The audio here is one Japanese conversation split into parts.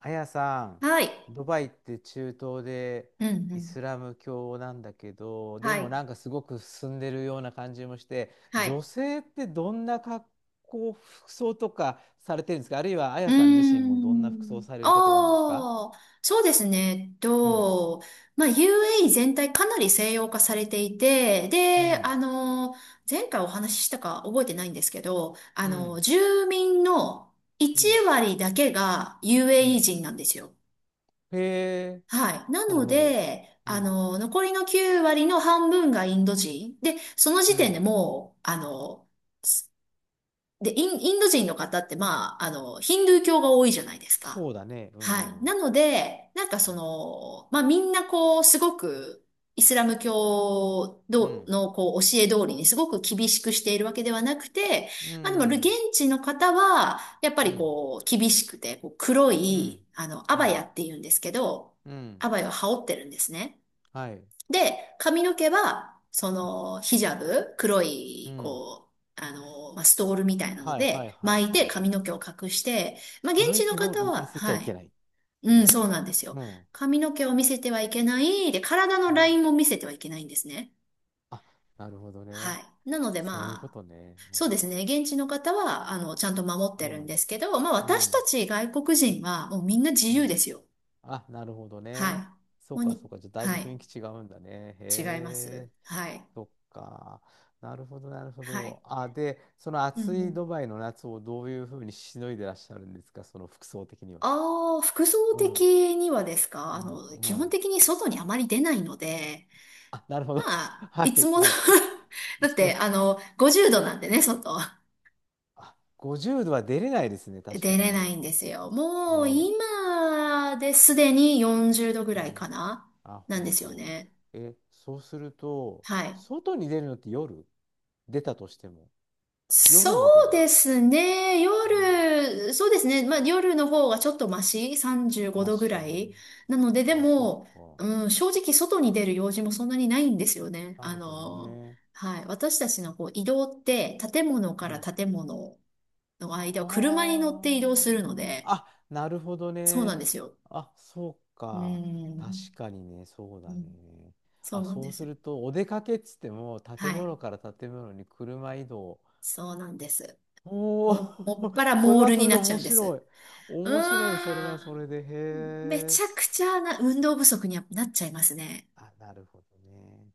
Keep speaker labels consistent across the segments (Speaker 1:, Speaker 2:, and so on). Speaker 1: あやさん、
Speaker 2: はい。
Speaker 1: ドバイって中東で
Speaker 2: うんう
Speaker 1: イ
Speaker 2: ん。
Speaker 1: スラム教なんだけど、で
Speaker 2: は
Speaker 1: も
Speaker 2: い。
Speaker 1: なんかすごく進んでるような感じもして、
Speaker 2: はい。
Speaker 1: 女性ってどんな格好、服装とかされてるんですか？あるいはあ
Speaker 2: う
Speaker 1: や
Speaker 2: ー
Speaker 1: さん自身もどんな服装
Speaker 2: ん。
Speaker 1: されることが多いんですか？
Speaker 2: ああ、そうですね。
Speaker 1: うん、
Speaker 2: まあ、UAE 全体かなり西洋化されていて、
Speaker 1: う
Speaker 2: で、
Speaker 1: ん、
Speaker 2: 前回お話ししたか覚えてないんですけど、
Speaker 1: うん、
Speaker 2: 住民の
Speaker 1: うん、
Speaker 2: 1割だけが
Speaker 1: う
Speaker 2: UAE
Speaker 1: ん。
Speaker 2: 人なんですよ。
Speaker 1: へえ、
Speaker 2: はい。な
Speaker 1: なる
Speaker 2: の
Speaker 1: ほど。
Speaker 2: で、
Speaker 1: うん、
Speaker 2: 残りの9割の半分がインド人。で、その
Speaker 1: う
Speaker 2: 時点で
Speaker 1: ん。
Speaker 2: もう、で、インド人の方って、まあ、ヒンドゥー教が多いじゃないですか。
Speaker 1: そうだね。う
Speaker 2: はい。
Speaker 1: ん、
Speaker 2: なので、なんかその、まあ、みんなこう、すごく、イスラム教
Speaker 1: う
Speaker 2: ど
Speaker 1: ん、
Speaker 2: のこう教え通りにすごく厳しくしているわけではなくて、
Speaker 1: う
Speaker 2: まあでも現
Speaker 1: ん。
Speaker 2: 地の方は、やっぱ
Speaker 1: うん、う
Speaker 2: り
Speaker 1: ん、
Speaker 2: こう、厳しくて、こう黒
Speaker 1: う
Speaker 2: い、
Speaker 1: ん、
Speaker 2: ア
Speaker 1: う
Speaker 2: バヤ
Speaker 1: ん。
Speaker 2: って言うんですけど、
Speaker 1: うん、
Speaker 2: アバヤを羽織ってるんですね。
Speaker 1: はい。う
Speaker 2: で、髪の毛は、そ
Speaker 1: ん、
Speaker 2: の、ヒジャブ、黒
Speaker 1: う
Speaker 2: い、
Speaker 1: ん、
Speaker 2: こう、まあ、ストールみたいなの
Speaker 1: はいはい
Speaker 2: で、
Speaker 1: はい
Speaker 2: 巻い
Speaker 1: はいは
Speaker 2: て
Speaker 1: い。
Speaker 2: 髪の毛を隠して、まあ、現
Speaker 1: 髪の
Speaker 2: 地の
Speaker 1: 毛も
Speaker 2: 方
Speaker 1: 見
Speaker 2: は、
Speaker 1: せちゃ
Speaker 2: は
Speaker 1: いけ
Speaker 2: い。
Speaker 1: ない。
Speaker 2: うん、そ
Speaker 1: も
Speaker 2: うなんです
Speaker 1: う。
Speaker 2: よ。
Speaker 1: うん。
Speaker 2: 髪の毛を見せてはいけない。で、体の
Speaker 1: う
Speaker 2: ライ
Speaker 1: ん。
Speaker 2: ンも見せてはいけないんですね。
Speaker 1: あ、なるほど
Speaker 2: は
Speaker 1: ね。
Speaker 2: い。なので、
Speaker 1: そういうこ
Speaker 2: まあ、
Speaker 1: とね。
Speaker 2: そうですね。現地の方は、ちゃんと守っ
Speaker 1: う
Speaker 2: てる
Speaker 1: ん。
Speaker 2: んですけど、まあ、
Speaker 1: う
Speaker 2: 私
Speaker 1: ん。う
Speaker 2: た
Speaker 1: ん。
Speaker 2: ち外国人は、もうみんな自
Speaker 1: う
Speaker 2: 由
Speaker 1: ん、
Speaker 2: ですよ。
Speaker 1: あ、なるほど
Speaker 2: はい。
Speaker 1: ね。そう
Speaker 2: もう
Speaker 1: か
Speaker 2: に、
Speaker 1: そうか。じゃあだいぶ
Speaker 2: はい。
Speaker 1: 雰囲気違うんだね。へ
Speaker 2: 違います。
Speaker 1: え。
Speaker 2: はい。
Speaker 1: そっか。なるほどなるほ
Speaker 2: はい。
Speaker 1: ど。あ、で、その
Speaker 2: うんう
Speaker 1: 暑い
Speaker 2: ん。
Speaker 1: ドバイの夏をどういうふうにしのいでらっしゃるんですか、その服装的には。
Speaker 2: ああ、服装
Speaker 1: うん。
Speaker 2: 的にはですか？
Speaker 1: うん。う
Speaker 2: 基本
Speaker 1: ん。
Speaker 2: 的に外にあまり出ないので、
Speaker 1: あ、なるほど。
Speaker 2: ま あ、
Speaker 1: は
Speaker 2: いつ
Speaker 1: い
Speaker 2: もの
Speaker 1: はい。
Speaker 2: だって、50度なんでね、外。
Speaker 1: あ、50度は出れないですね、確か
Speaker 2: 出
Speaker 1: に
Speaker 2: れな
Speaker 1: ね。
Speaker 2: いんですよ。
Speaker 1: ね
Speaker 2: もう、
Speaker 1: え。
Speaker 2: 今ですでに40度ぐ
Speaker 1: う
Speaker 2: らいか
Speaker 1: ん。
Speaker 2: な、
Speaker 1: あ、
Speaker 2: なんで
Speaker 1: 本
Speaker 2: すよ
Speaker 1: 当。
Speaker 2: ね。
Speaker 1: え、そうすると、
Speaker 2: はい。
Speaker 1: 外に出るのって夜出たとしても。
Speaker 2: そ
Speaker 1: 夜も出
Speaker 2: う
Speaker 1: な
Speaker 2: で
Speaker 1: い。
Speaker 2: すね。
Speaker 1: うん。
Speaker 2: 夜、そうですね。まあ夜の方がちょっとマシ、35
Speaker 1: マ
Speaker 2: 度ぐら
Speaker 1: シ。
Speaker 2: い。なので、で
Speaker 1: あ、そっ
Speaker 2: も、
Speaker 1: か。
Speaker 2: うん、正直外に出る用事もそんなにないんですよね。
Speaker 1: なるほどね。
Speaker 2: はい。私たちのこう移動って、建物か
Speaker 1: う
Speaker 2: ら
Speaker 1: ん。
Speaker 2: 建物の間を車に乗って移動するの
Speaker 1: は
Speaker 2: で、
Speaker 1: あ。あ、なるほど
Speaker 2: そうなん
Speaker 1: ね。
Speaker 2: ですよ。
Speaker 1: あ、そう
Speaker 2: う
Speaker 1: か。確
Speaker 2: ん、
Speaker 1: かにね、そう
Speaker 2: う
Speaker 1: だ
Speaker 2: ん、
Speaker 1: ね。
Speaker 2: そう
Speaker 1: あ、
Speaker 2: なん
Speaker 1: そ
Speaker 2: で
Speaker 1: う
Speaker 2: す
Speaker 1: す
Speaker 2: よ。
Speaker 1: ると、お出かけっつっても、
Speaker 2: は
Speaker 1: 建
Speaker 2: い。
Speaker 1: 物から建物に車移動。
Speaker 2: そうなんです。
Speaker 1: おお、
Speaker 2: もっ ぱら
Speaker 1: それ
Speaker 2: モー
Speaker 1: は
Speaker 2: ル
Speaker 1: そ
Speaker 2: に
Speaker 1: れで
Speaker 2: なっちゃ
Speaker 1: 面
Speaker 2: うんで
Speaker 1: 白
Speaker 2: す。
Speaker 1: い。
Speaker 2: う
Speaker 1: 面白い、それ
Speaker 2: ー
Speaker 1: はそ
Speaker 2: ん。
Speaker 1: れで。へ
Speaker 2: めち
Speaker 1: え。
Speaker 2: ゃくちゃな運動不足にはなっちゃいますね。
Speaker 1: あ、なるほどね。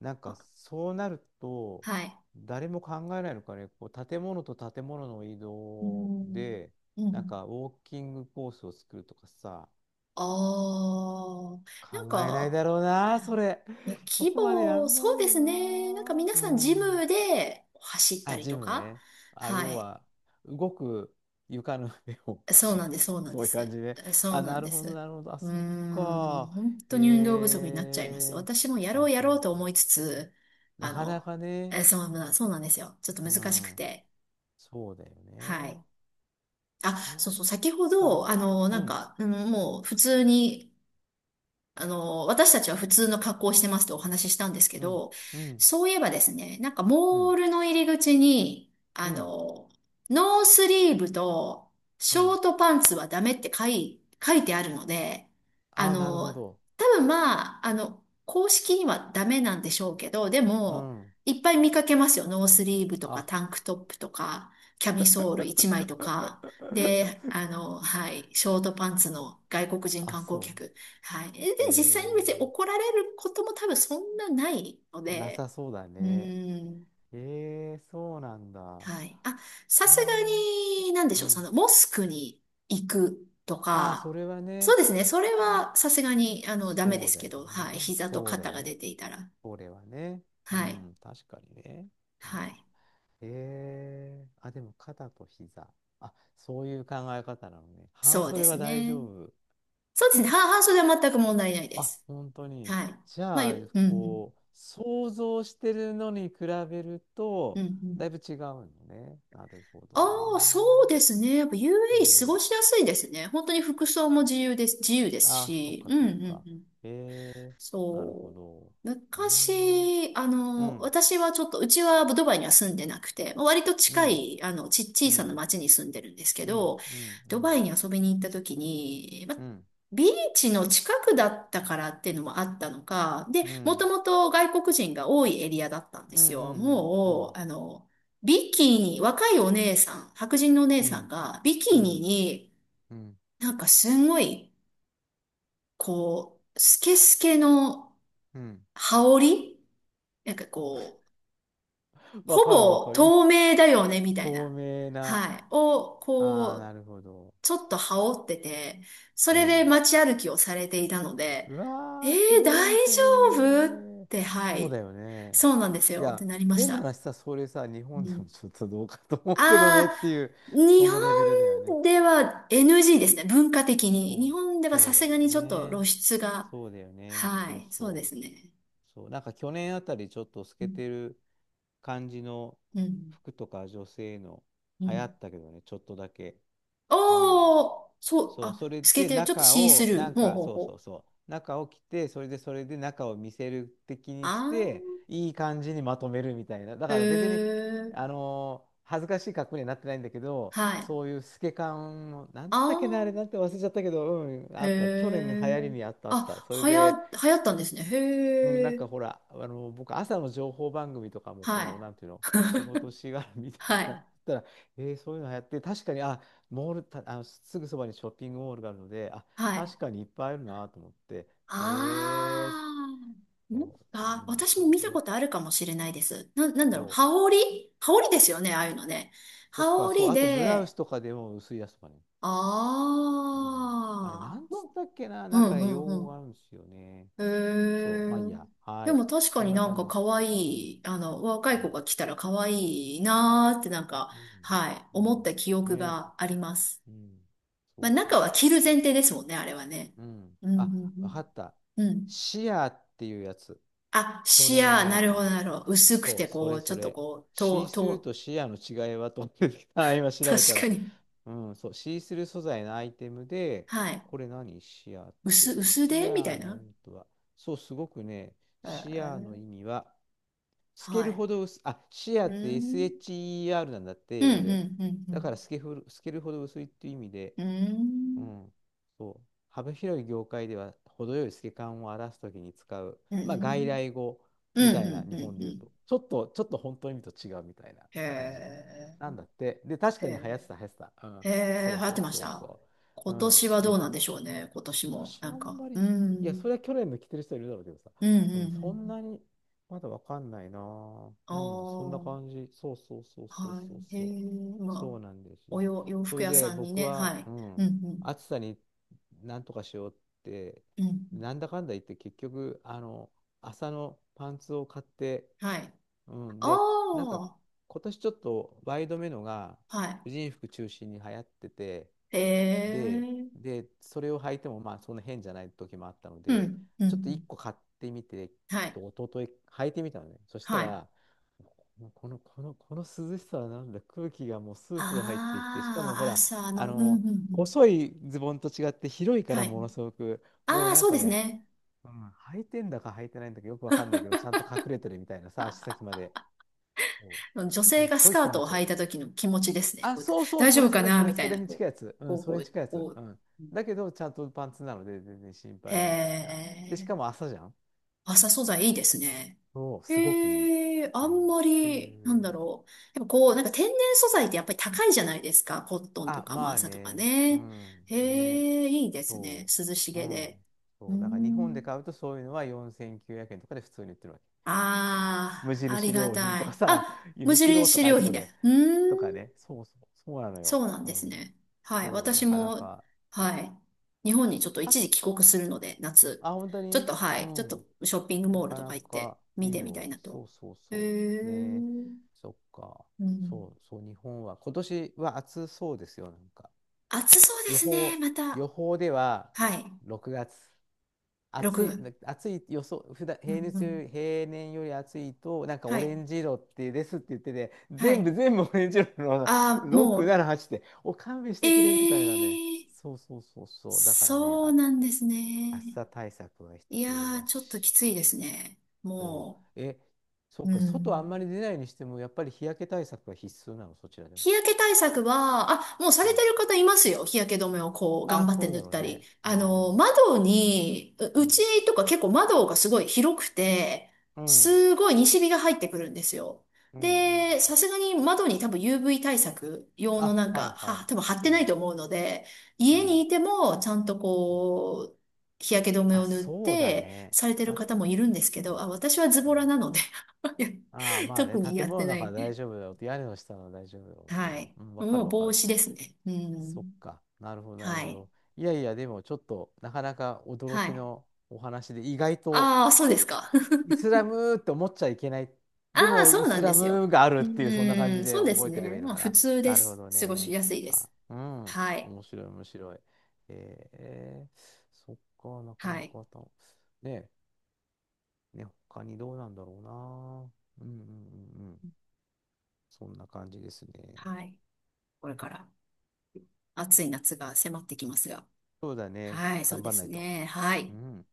Speaker 1: なんか
Speaker 2: あ、
Speaker 1: そうなると、
Speaker 2: はい。
Speaker 1: 誰も考えないのかね、こう建物と建物の移
Speaker 2: う
Speaker 1: 動
Speaker 2: ん。
Speaker 1: で、
Speaker 2: う
Speaker 1: なん
Speaker 2: ん。
Speaker 1: かウォーキングコースを作るとかさ、
Speaker 2: ああ。
Speaker 1: 考
Speaker 2: なん
Speaker 1: えない
Speaker 2: か、
Speaker 1: だろうな、それ。
Speaker 2: うん、
Speaker 1: そ
Speaker 2: 規
Speaker 1: こまでや
Speaker 2: 模、
Speaker 1: ん
Speaker 2: そ
Speaker 1: な
Speaker 2: う
Speaker 1: い
Speaker 2: で
Speaker 1: よ
Speaker 2: すね。なんか
Speaker 1: な。
Speaker 2: 皆
Speaker 1: う
Speaker 2: さんジ
Speaker 1: ん。
Speaker 2: ムで走った
Speaker 1: あ、
Speaker 2: り
Speaker 1: ジ
Speaker 2: と
Speaker 1: ム
Speaker 2: か。
Speaker 1: ね。あ、
Speaker 2: は
Speaker 1: 要
Speaker 2: い。
Speaker 1: は、動く床の上を
Speaker 2: そう
Speaker 1: 走るっ
Speaker 2: なんです、
Speaker 1: て、
Speaker 2: そ うなん
Speaker 1: そ
Speaker 2: で
Speaker 1: ういう感
Speaker 2: す。
Speaker 1: じで。
Speaker 2: そう
Speaker 1: あ、
Speaker 2: な
Speaker 1: な
Speaker 2: ん
Speaker 1: る
Speaker 2: で
Speaker 1: ほど、
Speaker 2: す。
Speaker 1: なるほど。あ、
Speaker 2: うー
Speaker 1: そっ
Speaker 2: ん。
Speaker 1: か。
Speaker 2: 本当
Speaker 1: へ
Speaker 2: に運動不足になっちゃいます。
Speaker 1: え。
Speaker 2: 私もやろ
Speaker 1: あ、
Speaker 2: うや
Speaker 1: ほ
Speaker 2: ろう
Speaker 1: ん
Speaker 2: と
Speaker 1: と。
Speaker 2: 思いつつ、
Speaker 1: な
Speaker 2: あ
Speaker 1: かな
Speaker 2: の、
Speaker 1: かね。
Speaker 2: そうなんですよ。ちょっと
Speaker 1: う
Speaker 2: 難しく
Speaker 1: ん。
Speaker 2: て。
Speaker 1: そうだよ
Speaker 2: はい。
Speaker 1: ね。
Speaker 2: あ、
Speaker 1: そ
Speaker 2: そ
Speaker 1: っ
Speaker 2: うそう、先ほ
Speaker 1: か。
Speaker 2: ど、
Speaker 1: う
Speaker 2: なん
Speaker 1: ん、
Speaker 2: か、うん、もう普通に、私たちは普通の格好をしてますとお話ししたんですけ
Speaker 1: うん、
Speaker 2: ど、
Speaker 1: うん、
Speaker 2: そういえばですね、なんか
Speaker 1: う
Speaker 2: モー
Speaker 1: ん、
Speaker 2: ルの入り口に、
Speaker 1: うん、
Speaker 2: ノースリーブと
Speaker 1: う
Speaker 2: ショ
Speaker 1: ん。
Speaker 2: ートパンツはダメって書いてあるので、あ
Speaker 1: あ、なるほ
Speaker 2: の、
Speaker 1: ど。
Speaker 2: 多分まあ、公式にはダメなんでしょうけど、で
Speaker 1: う
Speaker 2: も、
Speaker 1: ん。
Speaker 2: いっぱい見かけますよ。ノースリーブとかタ
Speaker 1: あ。
Speaker 2: ンクトップとか、キャミソール1枚とか。で、はい、ショートパンツの外国人
Speaker 1: あ、
Speaker 2: 観光
Speaker 1: そ
Speaker 2: 客。はい。で、
Speaker 1: う。
Speaker 2: 実際に別に怒
Speaker 1: え
Speaker 2: られることも多分そんなないの
Speaker 1: ー、な
Speaker 2: で、
Speaker 1: さそうだ
Speaker 2: う
Speaker 1: ね。
Speaker 2: ーん。
Speaker 1: ええ、そうなんだ。あ
Speaker 2: はい。あ、さすが
Speaker 1: あ、
Speaker 2: に、なんで
Speaker 1: う
Speaker 2: しょう、そ
Speaker 1: ん。
Speaker 2: の、モスクに行くと
Speaker 1: ああ、そ
Speaker 2: か、
Speaker 1: れは
Speaker 2: そう
Speaker 1: ね、
Speaker 2: ですね、それはさすがに、ダメで
Speaker 1: そう
Speaker 2: す
Speaker 1: だ
Speaker 2: け
Speaker 1: よ
Speaker 2: ど、はい。
Speaker 1: ね。
Speaker 2: 膝と
Speaker 1: そうだ
Speaker 2: 肩
Speaker 1: よ
Speaker 2: が
Speaker 1: ね。
Speaker 2: 出ていたら。
Speaker 1: それはね。う
Speaker 2: はい。
Speaker 1: ん、確かにね。うん、
Speaker 2: はい。
Speaker 1: ええ、あ、でも肩と膝。あ、そういう考え方なのね。半
Speaker 2: そうで
Speaker 1: 袖
Speaker 2: す
Speaker 1: は大
Speaker 2: ね。
Speaker 1: 丈夫。
Speaker 2: そうですね、半袖は全く問題ないで
Speaker 1: あ、
Speaker 2: す。
Speaker 1: 本当に。
Speaker 2: はい。
Speaker 1: じ
Speaker 2: まあ、
Speaker 1: ゃあ、
Speaker 2: ゆうん、うん、
Speaker 1: こう、想像してるのに比べる
Speaker 2: う
Speaker 1: と、
Speaker 2: ん、うん。
Speaker 1: だいぶ違うのね。なるほ
Speaker 2: あ
Speaker 1: ど
Speaker 2: あ、そ
Speaker 1: ね。
Speaker 2: うですね。やっぱ
Speaker 1: う
Speaker 2: UAE 過ご
Speaker 1: ん。
Speaker 2: しやすいですね。本当に服装も自由です、自由です
Speaker 1: あ、そっ
Speaker 2: し。
Speaker 1: か
Speaker 2: うんう
Speaker 1: そっ
Speaker 2: ん
Speaker 1: か。
Speaker 2: うん。
Speaker 1: えー、なるほ
Speaker 2: そう。
Speaker 1: ど。うーん。
Speaker 2: 昔、
Speaker 1: うん、
Speaker 2: 私はちょっと、うちはドバイには住んでなくて、まあ割と
Speaker 1: う
Speaker 2: 近
Speaker 1: ん、
Speaker 2: い、
Speaker 1: う
Speaker 2: 小さな
Speaker 1: ん、
Speaker 2: 町に住んでるんですけ
Speaker 1: うん、
Speaker 2: ど、
Speaker 1: うん、う
Speaker 2: ドバ
Speaker 1: ん、
Speaker 2: イに遊びに行った時に、まあ
Speaker 1: うん、
Speaker 2: ビーチの近くだったからっていうのもあったのか、で、
Speaker 1: う
Speaker 2: もと
Speaker 1: ん、
Speaker 2: もと外国人が多いエリアだったんで
Speaker 1: うん、う
Speaker 2: すよ。
Speaker 1: ん、う
Speaker 2: も
Speaker 1: ん、
Speaker 2: う、ビキニ、若いお姉さん、白人のお姉
Speaker 1: う
Speaker 2: さん
Speaker 1: ん、
Speaker 2: が、ビキニに
Speaker 1: うん、
Speaker 2: なんかすんごい、こう、スケスケの
Speaker 1: うん。
Speaker 2: 羽織なんかこう、ほ
Speaker 1: わかるわ
Speaker 2: ぼ
Speaker 1: かる。い、
Speaker 2: 透明だよね、みたい
Speaker 1: 透
Speaker 2: な。
Speaker 1: 明な。
Speaker 2: はい。を、こ
Speaker 1: ああ、
Speaker 2: う、
Speaker 1: なるほど。
Speaker 2: ちょっと羽織ってて、そ
Speaker 1: う
Speaker 2: れで
Speaker 1: ん。
Speaker 2: 街歩きをされていたので、
Speaker 1: う
Speaker 2: え
Speaker 1: わー、すご
Speaker 2: 大
Speaker 1: い、それ。
Speaker 2: 丈夫って、は
Speaker 1: そう
Speaker 2: い。
Speaker 1: だよね。
Speaker 2: そうなんです
Speaker 1: い
Speaker 2: よ。って
Speaker 1: や、
Speaker 2: なりまし
Speaker 1: 変な
Speaker 2: た。
Speaker 1: 話さ、それさ、日
Speaker 2: う
Speaker 1: 本で
Speaker 2: ん。
Speaker 1: もちょっとどうかと思うけど
Speaker 2: あ
Speaker 1: ねってい
Speaker 2: あ、
Speaker 1: う、
Speaker 2: 日
Speaker 1: そのレベルだよね。
Speaker 2: 本では NG ですね。文化的に。
Speaker 1: そう
Speaker 2: 日
Speaker 1: だ、
Speaker 2: 本では
Speaker 1: そ
Speaker 2: さ
Speaker 1: うだ
Speaker 2: すが
Speaker 1: よ
Speaker 2: にちょっと露
Speaker 1: ね。
Speaker 2: 出が。
Speaker 1: そうだよね。
Speaker 2: は
Speaker 1: そう
Speaker 2: い。そうで
Speaker 1: そう。
Speaker 2: すね。
Speaker 1: そう。なんか去年あたりちょっと透
Speaker 2: う
Speaker 1: け
Speaker 2: ん。
Speaker 1: てる感じの
Speaker 2: うん。
Speaker 1: 服とか女性の
Speaker 2: う
Speaker 1: 流行
Speaker 2: ん、
Speaker 1: ったけどね、ちょっとだけ。うん。
Speaker 2: おー、そう、
Speaker 1: そう、そ
Speaker 2: あ、
Speaker 1: れ
Speaker 2: 透け
Speaker 1: で
Speaker 2: てる。ちょっと
Speaker 1: 中
Speaker 2: シース
Speaker 1: を、な
Speaker 2: ルー。
Speaker 1: ん
Speaker 2: ほう
Speaker 1: か、
Speaker 2: ほうほう。
Speaker 1: 中を着て、それで中を見せる的にして、
Speaker 2: あ
Speaker 1: いい感じにまとめるみたいな。だ
Speaker 2: ー、へ
Speaker 1: から別に、
Speaker 2: ー、
Speaker 1: 恥ずかしい格好にはなってないんだけど、
Speaker 2: はい。
Speaker 1: そういう透け感を、なんつったっけな、あれな
Speaker 2: あ
Speaker 1: んて忘れちゃったけど、うん、
Speaker 2: ー、
Speaker 1: あった。去年の流
Speaker 2: へ
Speaker 1: 行り
Speaker 2: ー。
Speaker 1: にあったあった。
Speaker 2: あ、
Speaker 1: それで、
Speaker 2: 流行ったんですね。
Speaker 1: うん、なん
Speaker 2: へー、
Speaker 1: かほら、僕、朝の情報番組とかも、
Speaker 2: は
Speaker 1: こう、なんていう
Speaker 2: い。
Speaker 1: の、仕 事しがら見てるこ
Speaker 2: は
Speaker 1: とだ
Speaker 2: い。
Speaker 1: ったら、そういうのやって、確かに、あ、モール、た、すぐそばにショッピングモールがあるので、あ、
Speaker 2: はい。
Speaker 1: 確かにいっぱいあるなと思って、え
Speaker 2: あ
Speaker 1: ー、
Speaker 2: ー。
Speaker 1: そう、じゃあみんな
Speaker 2: 私
Speaker 1: 買
Speaker 2: も見
Speaker 1: う
Speaker 2: たこ
Speaker 1: よ。
Speaker 2: とあるかもしれないです。なんだろう。
Speaker 1: そう。
Speaker 2: 羽織羽織ですよね、ああいうのね。
Speaker 1: と
Speaker 2: 羽
Speaker 1: か、そう、
Speaker 2: 織
Speaker 1: あとブラウス
Speaker 2: で、
Speaker 1: とかでも薄いやつとかね。うん、あれ、な
Speaker 2: あ
Speaker 1: ん
Speaker 2: あ。
Speaker 1: つったっけな、
Speaker 2: う
Speaker 1: なんか
Speaker 2: んう
Speaker 1: ね、用
Speaker 2: んう
Speaker 1: 語があ
Speaker 2: ん、
Speaker 1: るんですよね。
Speaker 2: へ
Speaker 1: そう、
Speaker 2: え。
Speaker 1: まあいいや。は
Speaker 2: で
Speaker 1: い。
Speaker 2: も確か
Speaker 1: そん
Speaker 2: に
Speaker 1: な
Speaker 2: なん
Speaker 1: 感じ
Speaker 2: か
Speaker 1: で
Speaker 2: 可
Speaker 1: す。うん。
Speaker 2: 愛い、若
Speaker 1: う
Speaker 2: い子
Speaker 1: ん。
Speaker 2: が来たら可愛いなーってなんか、
Speaker 1: うん。
Speaker 2: はい、
Speaker 1: う
Speaker 2: 思っ
Speaker 1: ん、
Speaker 2: た記憶
Speaker 1: ね、
Speaker 2: があります。
Speaker 1: うん。
Speaker 2: ま
Speaker 1: そ
Speaker 2: あ
Speaker 1: うそう
Speaker 2: 中は
Speaker 1: そう
Speaker 2: 着る
Speaker 1: そ
Speaker 2: 前
Speaker 1: う。
Speaker 2: 提ですもんね、あれはね。
Speaker 1: うん。
Speaker 2: うん、う
Speaker 1: あ、わか
Speaker 2: ん、
Speaker 1: った。
Speaker 2: うん。うん、
Speaker 1: シアーっていうやつ。
Speaker 2: あ、
Speaker 1: 去
Speaker 2: シ
Speaker 1: 年
Speaker 2: ア
Speaker 1: 流
Speaker 2: ー、
Speaker 1: 行
Speaker 2: な
Speaker 1: っ
Speaker 2: るほ
Speaker 1: たの。
Speaker 2: ど、なるほど。薄く
Speaker 1: そう、
Speaker 2: て
Speaker 1: そ
Speaker 2: こ
Speaker 1: れ
Speaker 2: う、ちょ
Speaker 1: そ
Speaker 2: っと
Speaker 1: れ。
Speaker 2: こう、
Speaker 1: シースルーとシアーの違いはと思ってきた。今 調べた
Speaker 2: 確か
Speaker 1: ら。
Speaker 2: に。
Speaker 1: うん、そう、シースルー素材のアイテムで、
Speaker 2: はい。
Speaker 1: これ何シアーって。
Speaker 2: 薄
Speaker 1: シ
Speaker 2: でみた
Speaker 1: アー
Speaker 2: い
Speaker 1: の
Speaker 2: な。
Speaker 1: 意味とは、そう、すごくね、
Speaker 2: え
Speaker 1: シアーの
Speaker 2: ー、
Speaker 1: 意味は、透け
Speaker 2: は
Speaker 1: る
Speaker 2: い。
Speaker 1: ほど薄い、あ、シアー
Speaker 2: う
Speaker 1: って
Speaker 2: ん。
Speaker 1: SHER なんだって、
Speaker 2: うん、
Speaker 1: 英
Speaker 2: う
Speaker 1: 語
Speaker 2: ん、
Speaker 1: で。
Speaker 2: う
Speaker 1: だから
Speaker 2: ん、
Speaker 1: 透けふる、透けるほど薄いっていう意味で、
Speaker 2: うん。う
Speaker 1: う
Speaker 2: ん。
Speaker 1: ん、そう。幅広い業界では程よい透け感を表すときに使う、
Speaker 2: うん、う
Speaker 1: まあ、外
Speaker 2: ん、
Speaker 1: 来語み
Speaker 2: う
Speaker 1: た
Speaker 2: ん、
Speaker 1: い
Speaker 2: う
Speaker 1: な
Speaker 2: ん、
Speaker 1: 日
Speaker 2: う
Speaker 1: 本
Speaker 2: ん。
Speaker 1: で
Speaker 2: う
Speaker 1: 言うと、
Speaker 2: ん、
Speaker 1: ちょっと、ちょっと本当の意味と違うみたいな
Speaker 2: へ
Speaker 1: 感じの。な
Speaker 2: え、
Speaker 1: んだって。で、確
Speaker 2: へ
Speaker 1: かに
Speaker 2: え、
Speaker 1: 流行ってた。うん。
Speaker 2: へ
Speaker 1: そ
Speaker 2: え、流
Speaker 1: う
Speaker 2: 行っ
Speaker 1: そ
Speaker 2: て
Speaker 1: う
Speaker 2: まし
Speaker 1: そう
Speaker 2: た。
Speaker 1: そう。う
Speaker 2: 今
Speaker 1: ん。
Speaker 2: 年はど
Speaker 1: で、
Speaker 2: うなんでしょうね、今年
Speaker 1: 今
Speaker 2: も。
Speaker 1: 年あ
Speaker 2: なん
Speaker 1: ん
Speaker 2: か、
Speaker 1: まり、
Speaker 2: う
Speaker 1: いや、そ
Speaker 2: ん、
Speaker 1: れは去年も着てる人いるだろうけどさ、
Speaker 2: うん、うん、
Speaker 1: う
Speaker 2: う
Speaker 1: ん、そん
Speaker 2: ん。
Speaker 1: なに、まだわかんないなぁ。
Speaker 2: あ
Speaker 1: うん、そんな
Speaker 2: あ、
Speaker 1: 感じ。そうそうそうそう
Speaker 2: は
Speaker 1: そう
Speaker 2: い、へ
Speaker 1: そう。
Speaker 2: え、まあ、
Speaker 1: そうなんですよ。
Speaker 2: 洋
Speaker 1: そ
Speaker 2: 服
Speaker 1: れ
Speaker 2: 屋
Speaker 1: で
Speaker 2: さんに
Speaker 1: 僕
Speaker 2: ね、
Speaker 1: は、
Speaker 2: はい、
Speaker 1: う
Speaker 2: う
Speaker 1: ん、
Speaker 2: ん、うん、
Speaker 1: 暑さになんとかしようって、
Speaker 2: うん、
Speaker 1: なんだかんだ言って結局、朝のパンツを買って、
Speaker 2: はい。
Speaker 1: うん、
Speaker 2: あ
Speaker 1: で、なんか
Speaker 2: あ、
Speaker 1: 今年ちょっとワイドめのが婦
Speaker 2: は
Speaker 1: 人服中心に流行ってて、
Speaker 2: い、へ
Speaker 1: で、
Speaker 2: え、
Speaker 1: で、それを履いてもまあそんな変じゃない時もあったの
Speaker 2: う
Speaker 1: で、
Speaker 2: ん、うん、う
Speaker 1: ちょっと1
Speaker 2: ん、
Speaker 1: 個買ってみて、
Speaker 2: はい、
Speaker 1: と一昨日履いてみたのね。そした
Speaker 2: はい。あ
Speaker 1: ら、この涼しさはなんだ、空気がもうスースー入ってきて、しかもほ
Speaker 2: あ、
Speaker 1: ら、
Speaker 2: 朝
Speaker 1: あ
Speaker 2: の、うん、う
Speaker 1: の、
Speaker 2: ん、うん、
Speaker 1: 細いズボンと違って広いか
Speaker 2: は
Speaker 1: ら
Speaker 2: い。
Speaker 1: ものすごく、もう
Speaker 2: ああ、
Speaker 1: なん
Speaker 2: そう
Speaker 1: か
Speaker 2: です
Speaker 1: ね、
Speaker 2: ね。
Speaker 1: うん、履いてんだか履いてないんだかよくわかんないけど、ちゃんと隠れてるみたいなさ、足先まで。そ
Speaker 2: 女
Speaker 1: う、す
Speaker 2: 性
Speaker 1: っ
Speaker 2: がス
Speaker 1: ごい
Speaker 2: カ
Speaker 1: 気
Speaker 2: ー
Speaker 1: 持
Speaker 2: トを
Speaker 1: ちよ
Speaker 2: 履
Speaker 1: か
Speaker 2: い
Speaker 1: っ
Speaker 2: た時の気持ちです
Speaker 1: た。
Speaker 2: ね。
Speaker 1: あ、
Speaker 2: こう、
Speaker 1: そうそう、
Speaker 2: 大丈夫かなみた
Speaker 1: そ
Speaker 2: い
Speaker 1: れ
Speaker 2: な、
Speaker 1: に
Speaker 2: こう、
Speaker 1: 近いやつ。う
Speaker 2: こ
Speaker 1: ん、
Speaker 2: う、
Speaker 1: そ
Speaker 2: こ
Speaker 1: れに
Speaker 2: う、
Speaker 1: 近いやつ。
Speaker 2: こ
Speaker 1: う
Speaker 2: う。
Speaker 1: ん。だけど、ちゃんとパンツなので全然心
Speaker 2: へ
Speaker 1: 配ないみたいな。で、し
Speaker 2: え、
Speaker 1: かも朝じゃん。
Speaker 2: 麻素材いいですね。
Speaker 1: そう、すごくいい。
Speaker 2: へえ、
Speaker 1: う
Speaker 2: あ
Speaker 1: ん。っ
Speaker 2: んま
Speaker 1: て
Speaker 2: り、なん
Speaker 1: いう。
Speaker 2: だろう。やっぱこう、なんか天然素材ってやっぱり高いじゃないですか。コットンと
Speaker 1: あ、
Speaker 2: かも
Speaker 1: まあ
Speaker 2: 麻とか
Speaker 1: ね。う
Speaker 2: ね。
Speaker 1: ん。ね。
Speaker 2: へえ、いいですね。
Speaker 1: そ
Speaker 2: 涼し
Speaker 1: う。う
Speaker 2: げで。
Speaker 1: ん。
Speaker 2: うー
Speaker 1: そう。だから日本で
Speaker 2: ん。
Speaker 1: 買うとそういうのは4900円とかで普通に売ってるわけ。無
Speaker 2: ああ、あり
Speaker 1: 印
Speaker 2: が
Speaker 1: 良
Speaker 2: た
Speaker 1: 品とか
Speaker 2: い。あ、
Speaker 1: さ、ユ
Speaker 2: 無
Speaker 1: ニクロと
Speaker 2: 印
Speaker 1: かああいう
Speaker 2: 良
Speaker 1: と
Speaker 2: 品
Speaker 1: こ
Speaker 2: で。
Speaker 1: で。
Speaker 2: うー
Speaker 1: とか
Speaker 2: ん。
Speaker 1: ね。そうそう。そうなのよ。
Speaker 2: そうなん
Speaker 1: う
Speaker 2: です
Speaker 1: ん。
Speaker 2: ね。はい。
Speaker 1: そう、な
Speaker 2: 私
Speaker 1: かな
Speaker 2: も、
Speaker 1: か。
Speaker 2: はい。日本にちょっと一
Speaker 1: 確、
Speaker 2: 時帰国するので、夏。
Speaker 1: あ、本当
Speaker 2: ちょっ
Speaker 1: に、
Speaker 2: と、は
Speaker 1: う
Speaker 2: い。ちょっと
Speaker 1: ん。
Speaker 2: ショッピング
Speaker 1: な
Speaker 2: モール
Speaker 1: か
Speaker 2: と
Speaker 1: な
Speaker 2: か行って
Speaker 1: か
Speaker 2: 見
Speaker 1: いい
Speaker 2: てみたい
Speaker 1: よ。
Speaker 2: な
Speaker 1: そ
Speaker 2: と。
Speaker 1: うそう
Speaker 2: へ
Speaker 1: そう。ねえ、
Speaker 2: え。
Speaker 1: そっか。
Speaker 2: うん。
Speaker 1: そうそう、日本は。今年は暑そうですよ、なんか。
Speaker 2: 暑そうで
Speaker 1: 予
Speaker 2: すね、
Speaker 1: 報、
Speaker 2: また。
Speaker 1: 予報では
Speaker 2: はい。
Speaker 1: 6月。暑い、
Speaker 2: 6。
Speaker 1: な暑い予想、普段、
Speaker 2: う
Speaker 1: 平
Speaker 2: んう
Speaker 1: 熱
Speaker 2: ん。
Speaker 1: より、平年より暑いと、なんか
Speaker 2: は
Speaker 1: オレ
Speaker 2: い。
Speaker 1: ンジ色ってですって言ってて、
Speaker 2: はい。
Speaker 1: 全部オレンジ色の
Speaker 2: ああ、
Speaker 1: 6、7、
Speaker 2: も
Speaker 1: 8って、お勘弁し
Speaker 2: う、
Speaker 1: てくれみたいなね。
Speaker 2: ええ、
Speaker 1: そうそうそうそう。だからね、
Speaker 2: そう
Speaker 1: あ、
Speaker 2: なんです
Speaker 1: 暑
Speaker 2: ね。
Speaker 1: さ対策は
Speaker 2: い
Speaker 1: 必要
Speaker 2: やー、
Speaker 1: だ
Speaker 2: ちょっとき
Speaker 1: し。
Speaker 2: ついですね。
Speaker 1: そ
Speaker 2: も
Speaker 1: う。え、そっ
Speaker 2: う。う
Speaker 1: か、外あんま
Speaker 2: ん。
Speaker 1: り出ないにしても、やっぱり日焼け対策は必須なの、そちらでは。
Speaker 2: 日焼け対策は、あ、もうさ
Speaker 1: う
Speaker 2: れて
Speaker 1: ん、
Speaker 2: る方いますよ。日焼け止めをこう、頑
Speaker 1: あ、
Speaker 2: 張って
Speaker 1: そう
Speaker 2: 塗
Speaker 1: だ
Speaker 2: っ
Speaker 1: ろう
Speaker 2: たり。
Speaker 1: ね。うん。う
Speaker 2: 窓に、うう
Speaker 1: ん。
Speaker 2: ちとか結構窓がすごい広くて、
Speaker 1: うん。
Speaker 2: すごい西日が入ってくるんですよ。
Speaker 1: うん。うん、
Speaker 2: で、さすがに窓に多分 UV 対策用の
Speaker 1: あ、
Speaker 2: なん
Speaker 1: はい
Speaker 2: か、
Speaker 1: はい。
Speaker 2: 多分貼って
Speaker 1: う
Speaker 2: ない
Speaker 1: ん。
Speaker 2: と思うので、
Speaker 1: う
Speaker 2: 家に
Speaker 1: ん。
Speaker 2: いてもちゃんとこう、日焼け止め
Speaker 1: あ、
Speaker 2: を塗っ
Speaker 1: そうだ
Speaker 2: て
Speaker 1: ね。
Speaker 2: されてる
Speaker 1: だっ
Speaker 2: 方もいるんですけど、
Speaker 1: て、
Speaker 2: あ、私はズ
Speaker 1: う
Speaker 2: ボラ
Speaker 1: ん。
Speaker 2: なので
Speaker 1: ああ、まあ
Speaker 2: 特
Speaker 1: ね、
Speaker 2: にや
Speaker 1: 建
Speaker 2: っ
Speaker 1: 物
Speaker 2: て
Speaker 1: の
Speaker 2: な
Speaker 1: 中は大
Speaker 2: い。
Speaker 1: 丈夫だよって、屋根の下は大丈夫だよって
Speaker 2: は
Speaker 1: ね。
Speaker 2: い。
Speaker 1: うん、わか
Speaker 2: も
Speaker 1: る
Speaker 2: う
Speaker 1: わか
Speaker 2: 帽
Speaker 1: る。
Speaker 2: 子ですね。う
Speaker 1: そっ
Speaker 2: ん。
Speaker 1: か。なるほど、なる
Speaker 2: は
Speaker 1: ほ
Speaker 2: い。
Speaker 1: ど。いやいや、でもちょっと、なかなか驚
Speaker 2: は
Speaker 1: き
Speaker 2: い。
Speaker 1: のお話で、意外と、
Speaker 2: ああ、そうですか。
Speaker 1: イスラムって思っちゃいけない。
Speaker 2: あ
Speaker 1: で
Speaker 2: あ、
Speaker 1: も、
Speaker 2: そ
Speaker 1: イ
Speaker 2: うな
Speaker 1: ス
Speaker 2: んで
Speaker 1: ラ
Speaker 2: すよ。
Speaker 1: ムがある
Speaker 2: う
Speaker 1: っていう、そんな感
Speaker 2: ー
Speaker 1: じ
Speaker 2: ん、
Speaker 1: で
Speaker 2: そうです
Speaker 1: 覚えてれば
Speaker 2: ね。
Speaker 1: いいの
Speaker 2: まあ、
Speaker 1: か
Speaker 2: 普
Speaker 1: な。
Speaker 2: 通で
Speaker 1: なるほ
Speaker 2: す。
Speaker 1: ど
Speaker 2: 過ごし
Speaker 1: ね。
Speaker 2: やすいで
Speaker 1: あ、
Speaker 2: す。
Speaker 1: うん。
Speaker 2: はい。
Speaker 1: 面白い、面白い。えー、そっか、なか
Speaker 2: は
Speaker 1: な
Speaker 2: い。
Speaker 1: かた、ね、ね、他にどうなんだろうな。うんうんうんうん。そんな感じですね。
Speaker 2: はい。これから暑い夏が迫ってきますが。
Speaker 1: そうだね。
Speaker 2: はい、そう
Speaker 1: 頑
Speaker 2: で
Speaker 1: 張んな
Speaker 2: す
Speaker 1: いと。
Speaker 2: ね。は
Speaker 1: う
Speaker 2: い。
Speaker 1: ん。